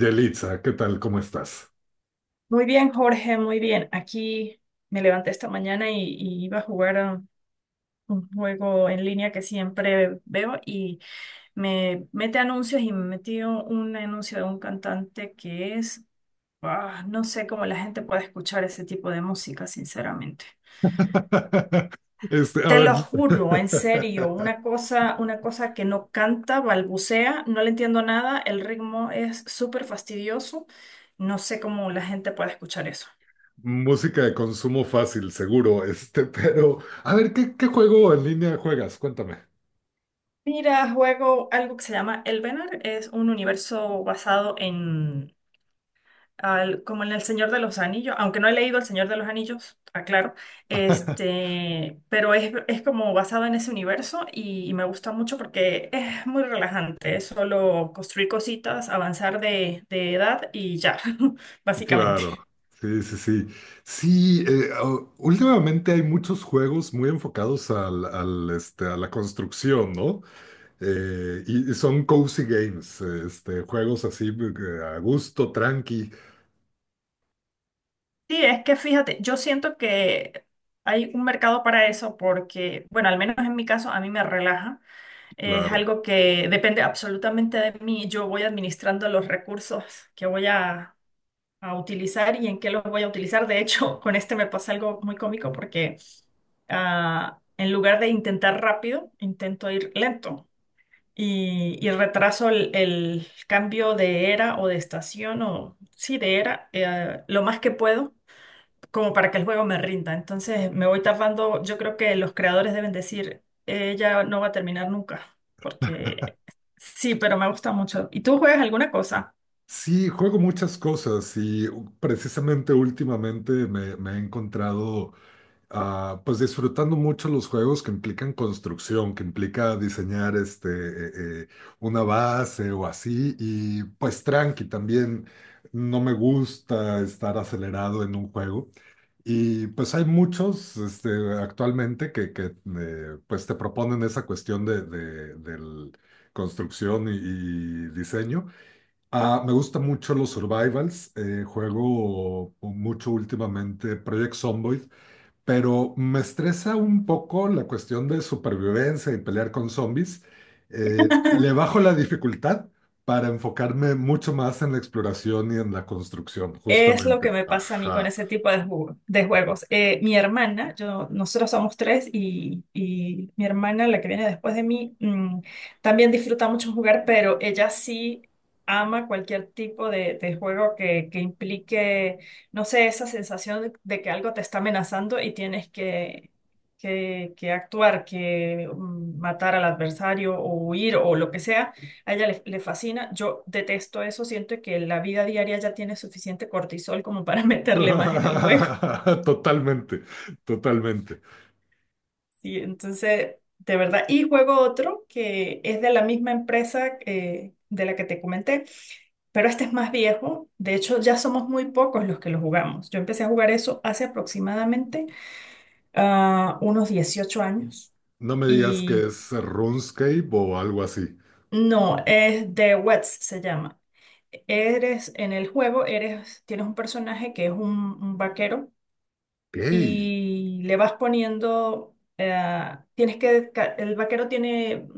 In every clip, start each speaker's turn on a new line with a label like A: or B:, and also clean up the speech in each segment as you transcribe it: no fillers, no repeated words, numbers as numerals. A: Yelitza, ¿qué tal? ¿Cómo estás?
B: Muy bien, Jorge, muy bien. Aquí me levanté esta mañana y iba a jugar a un juego en línea que siempre veo y me mete anuncios y me metió un anuncio de un cantante que es, no sé cómo la gente puede escuchar ese tipo de música, sinceramente.
A: A
B: Te
A: ver,
B: lo juro, en serio, una cosa que no canta, balbucea, no le entiendo nada, el ritmo es súper fastidioso, no sé cómo la gente puede escuchar eso.
A: música de consumo fácil, seguro, pero, a ver, ¿qué juego en línea juegas? Cuéntame.
B: Mira, juego algo que se llama Elvenar. Es un universo basado en, como en El Señor de los Anillos, aunque no he leído El Señor de los Anillos, aclaro, este, pero es como basado en ese universo y me gusta mucho porque es muy relajante. Es solo construir cositas, avanzar de edad y ya, básicamente.
A: Claro, sí, sí, sí. Sí, últimamente hay muchos juegos muy enfocados a la construcción, ¿no? Y son cozy games, juegos así, a gusto, tranqui,
B: Sí, es que fíjate, yo siento que hay un mercado para eso porque, bueno, al menos en mi caso, a mí me relaja. Es
A: claro.
B: algo que depende absolutamente de mí. Yo voy administrando los recursos que voy a utilizar y en qué los voy a utilizar. De hecho, con este me pasa algo muy cómico porque en lugar de intentar rápido, intento ir lento y retraso el cambio de era o de estación o sí, de era lo más que puedo como para que el juego me rinda. Entonces me voy tapando, yo creo que los creadores deben decir, ella no va a terminar nunca, porque sí, pero me gusta mucho. ¿Y tú juegas alguna cosa?
A: Sí, juego muchas cosas y precisamente últimamente me he encontrado, pues disfrutando mucho los juegos que implican construcción, que implica diseñar, eh, una base o así y pues tranqui también. No me gusta estar acelerado en un juego y pues hay muchos, actualmente, que pues te proponen esa cuestión de, del construcción y diseño. Ah, me gustan mucho los survivals. Juego mucho últimamente Project Zomboid, pero me estresa un poco la cuestión de supervivencia y pelear con zombies. Le bajo la dificultad para enfocarme mucho más en la exploración y en la construcción,
B: Es lo que
A: justamente.
B: me pasa a mí con
A: Ajá.
B: ese tipo de, de juegos. Mi hermana, yo, nosotros somos tres y mi hermana, la que viene después de mí, también disfruta mucho jugar, pero ella sí ama cualquier tipo de juego que implique, no sé, esa sensación de que algo te está amenazando y tienes que, que actuar, que matar al adversario o huir o lo que sea. A ella le, le fascina. Yo detesto eso. Siento que la vida diaria ya tiene suficiente cortisol como para meterle más en el juego.
A: Totalmente, totalmente.
B: Sí, entonces, de verdad. Y juego otro que es de la misma empresa de la que te comenté, pero este es más viejo. De hecho, ya somos muy pocos los que lo jugamos. Yo empecé a jugar eso hace aproximadamente unos 18 años.
A: No me digas que
B: Y
A: es RuneScape o algo así.
B: no, es The Wets se llama. Eres en el juego, eres, tienes un personaje que es un vaquero
A: Gay.
B: y le vas poniendo, tienes que, el vaquero tiene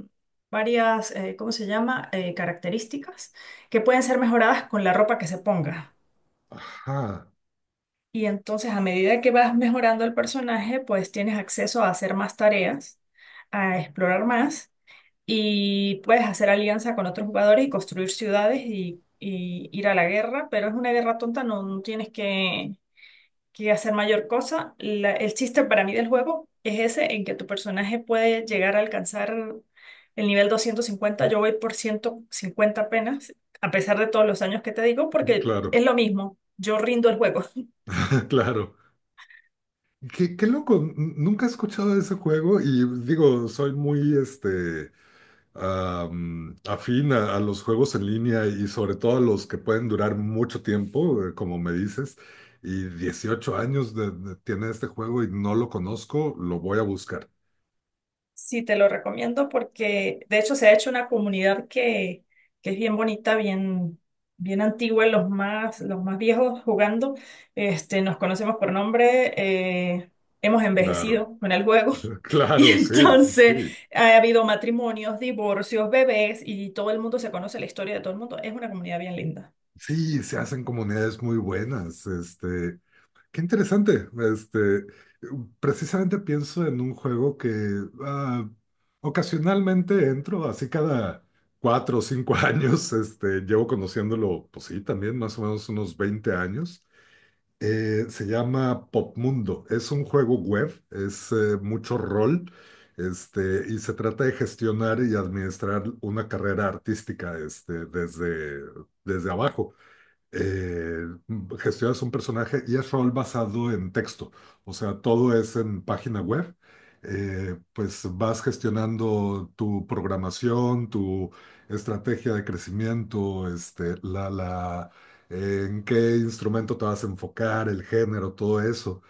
B: varias, ¿cómo se llama? Características que pueden ser mejoradas con la ropa que se ponga.
A: Ajá,
B: Y entonces a medida que vas mejorando el personaje, pues tienes acceso a hacer más tareas, a explorar más, y puedes hacer alianza con otros jugadores y construir ciudades y ir a la guerra, pero es una guerra tonta, no, no tienes que hacer mayor cosa. El chiste para mí del juego es ese, en que tu personaje puede llegar a alcanzar el nivel 250, yo voy por 150 apenas, a pesar de todos los años que te digo, porque
A: claro,
B: es lo mismo, yo rindo el juego.
A: claro. Qué loco, nunca he escuchado de ese juego y digo, soy muy afín a los juegos en línea y sobre todo a los que pueden durar mucho tiempo, como me dices, y 18 años tiene este juego y no lo conozco, lo voy a buscar.
B: Sí, te lo recomiendo porque de hecho se ha hecho una comunidad que es bien bonita, bien, bien antigua, los más viejos jugando. Este, nos conocemos por nombre, hemos
A: Claro,
B: envejecido con el juego y
A: claro, sí, sí,
B: entonces
A: sí.
B: ha habido matrimonios, divorcios, bebés y todo el mundo se conoce la historia de todo el mundo. Es una comunidad bien linda.
A: Sí, se hacen comunidades muy buenas. Qué interesante. Precisamente pienso en un juego que, ah, ocasionalmente entro, así cada 4 o 5 años, llevo conociéndolo, pues sí, también más o menos unos 20 años. Se llama Popmundo. Es un juego web, es mucho rol, y se trata de gestionar y administrar una carrera artística, desde, abajo. Eh, gestionas un personaje y es rol basado en texto, o sea, todo es en página web. Pues vas gestionando tu programación, tu estrategia de crecimiento, en qué instrumento te vas a enfocar, el género, todo eso.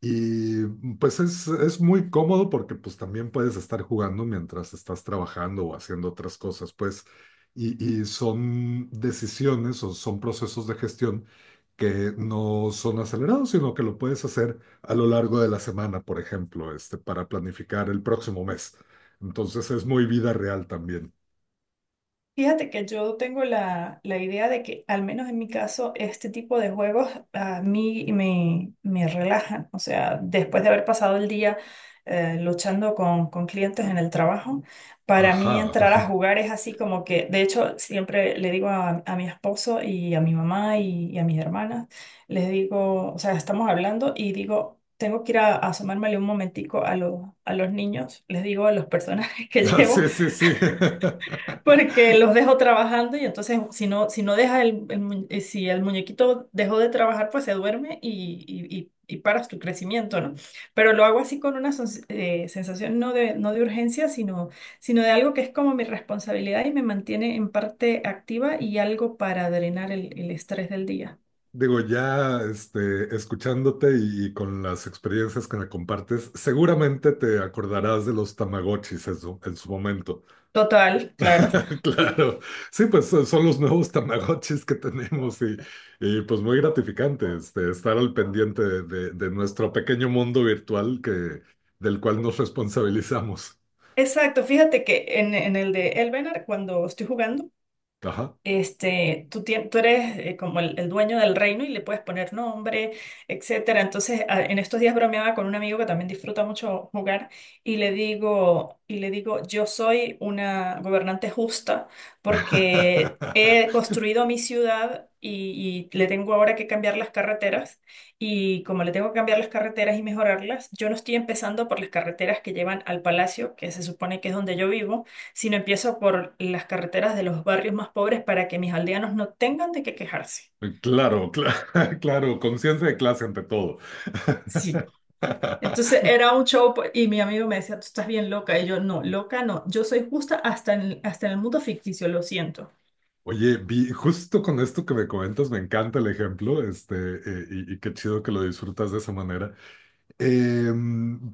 A: Y pues es muy cómodo porque pues también puedes estar jugando mientras estás trabajando o haciendo otras cosas. Pues y son decisiones o son procesos de gestión que no son acelerados, sino que lo puedes hacer a lo largo de la semana, por ejemplo, para planificar el próximo mes. Entonces es muy vida real también.
B: Fíjate que yo tengo la, la idea de que, al menos en mi caso, este tipo de juegos a mí me, me relajan. O sea, después de haber pasado el día luchando con clientes en el trabajo, para mí
A: Ajá.
B: entrar a jugar es así como que, de hecho, siempre le digo a mi esposo y a mi mamá y a mis hermanas, les digo, o sea, estamos hablando y digo, tengo que ir a asomármele un momentico a los niños, les digo a los personajes que
A: Ah,
B: llevo
A: sí, sí, sí.
B: porque los dejo trabajando y entonces si no, si no deja el si el muñequito dejó de trabajar, pues se duerme y, y paras tu crecimiento, ¿no? Pero lo hago así con una sensación no de, no de urgencia, sino, sino de algo que es como mi responsabilidad y me mantiene en parte activa y algo para drenar el estrés del día.
A: Digo, ya escuchándote y, con las experiencias que me compartes, seguramente te acordarás de los Tamagotchis en su momento.
B: Total, claro.
A: Claro, sí, pues son los nuevos Tamagotchis que tenemos y, pues muy gratificante, estar al pendiente de, de nuestro pequeño mundo virtual, que, del cual nos responsabilizamos.
B: Exacto, fíjate que en el de Elvenar, cuando estoy jugando,
A: Ajá.
B: este, tú, tú eres como el dueño del reino y le puedes poner nombre, etcétera. Entonces, en estos días bromeaba con un amigo que también disfruta mucho jugar y le digo, yo soy una gobernante justa porque he construido mi ciudad y le tengo ahora que cambiar las carreteras y como le tengo que cambiar las carreteras y mejorarlas, yo no estoy empezando por las carreteras que llevan al palacio, que se supone que es donde yo vivo, sino empiezo por las carreteras de los barrios más pobres para que mis aldeanos no tengan de qué quejarse.
A: Claro, claro, conciencia de clase ante todo.
B: Sí. Entonces era un show pues, y mi amigo me decía, tú estás bien loca. Y yo, no, loca no, yo soy justa hasta en, hasta en el mundo ficticio, lo siento.
A: Oye, justo con esto que me comentas, me encanta el ejemplo, y qué chido que lo disfrutas de esa manera. Eh,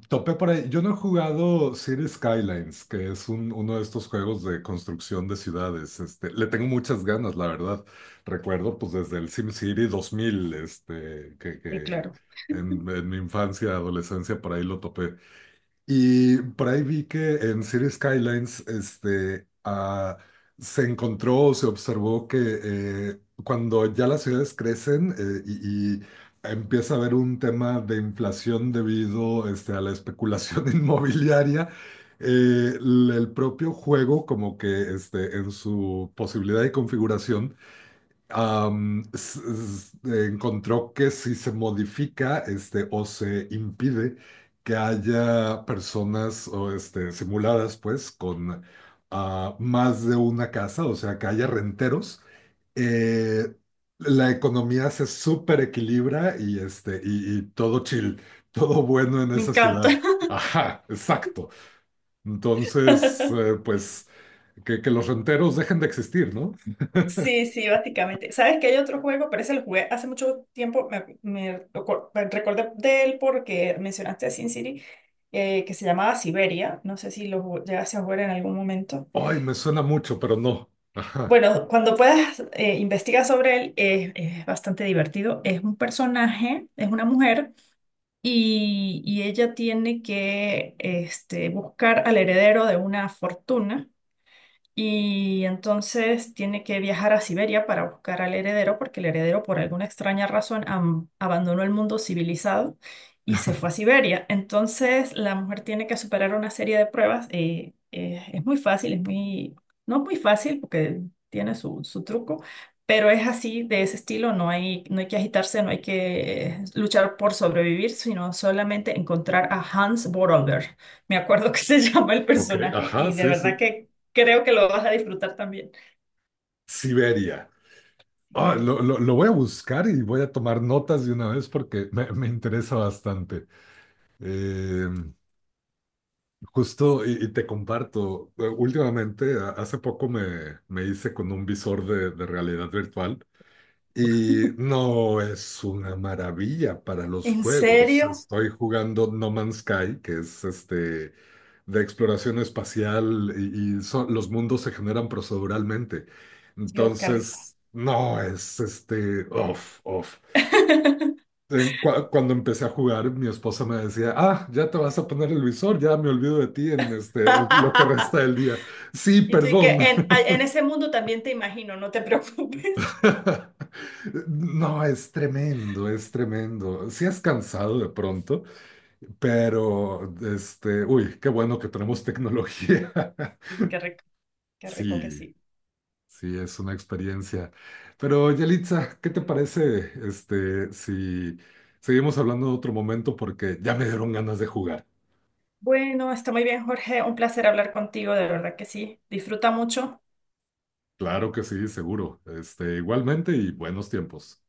A: Topé por ahí. Yo no he jugado Cities Skylines, que es uno de estos juegos de construcción de ciudades. Le tengo muchas ganas, la verdad. Recuerdo, pues, desde el SimCity 2000, que,
B: Y
A: que
B: claro,
A: en mi infancia, adolescencia, por ahí lo topé. Y por ahí vi que en City Skylines, se encontró o se observó que, cuando ya las ciudades crecen, y empieza a haber un tema de inflación debido, a la especulación inmobiliaria, el propio juego, como que, en su posibilidad y configuración, encontró que si se modifica, o se impide que haya personas o, simuladas pues con, más de una casa, o sea, que haya renteros, eh, la economía se super equilibra y todo chill, todo bueno en
B: me
A: esa
B: encanta.
A: ciudad. Ajá, exacto. Entonces, pues que los renteros dejen de existir, no.
B: Sí, sí, básicamente. ¿Sabes que hay otro juego? Pero ese lo jugué hace mucho tiempo. Me, me recordé de él porque mencionaste a Sin City, que se llamaba Siberia. No sé si lo llegaste a jugar en algún momento.
A: Ay, me suena mucho, pero no. Ajá.
B: Bueno, cuando puedas investigar sobre él, es bastante divertido. Es un personaje, es una mujer, y ella tiene que este, buscar al heredero de una fortuna y entonces tiene que viajar a Siberia para buscar al heredero porque el heredero por alguna extraña razón abandonó el mundo civilizado y se fue a Siberia. Entonces la mujer tiene que superar una serie de pruebas. Es muy fácil, es muy, no es muy fácil porque tiene su, su truco. Pero es así, de ese estilo, no hay, no hay que agitarse, no hay que luchar por sobrevivir, sino solamente encontrar a Hans Borolder. Me acuerdo que se llama el
A: Ok,
B: personaje
A: ajá,
B: y de
A: sí,
B: verdad
A: sí.
B: que creo que lo vas a disfrutar también.
A: Siberia. Ah,
B: Siberia.
A: lo voy a buscar y voy a tomar notas de una vez porque me interesa bastante. Eh, Justo, y te comparto, últimamente, hace poco me hice con un visor de realidad virtual y no es una maravilla para los
B: ¿En
A: juegos.
B: serio?
A: Estoy jugando No Man's Sky, que es de exploración espacial y los mundos se generan proceduralmente.
B: Dios, qué rico.
A: Entonces, no es off, off. Cuando empecé a jugar, mi esposa me decía: «Ah, ya te vas a poner el visor, ya me olvido de ti en lo que resta del día». Sí,
B: Y tú, y que
A: perdón.
B: en ese mundo también te imagino, no te preocupes.
A: No, es tremendo, es tremendo. Sí es cansado de pronto, pero, uy, qué bueno que tenemos tecnología.
B: Sí, qué rico, qué rico que
A: Sí,
B: sí.
A: sí, es una experiencia. Pero Yelitza, ¿qué te parece, si seguimos hablando en otro momento? Porque ya me dieron ganas de jugar.
B: Bueno, está muy bien, Jorge. Un placer hablar contigo, de verdad que sí. Disfruta mucho.
A: Claro que sí, seguro. Igualmente y buenos tiempos.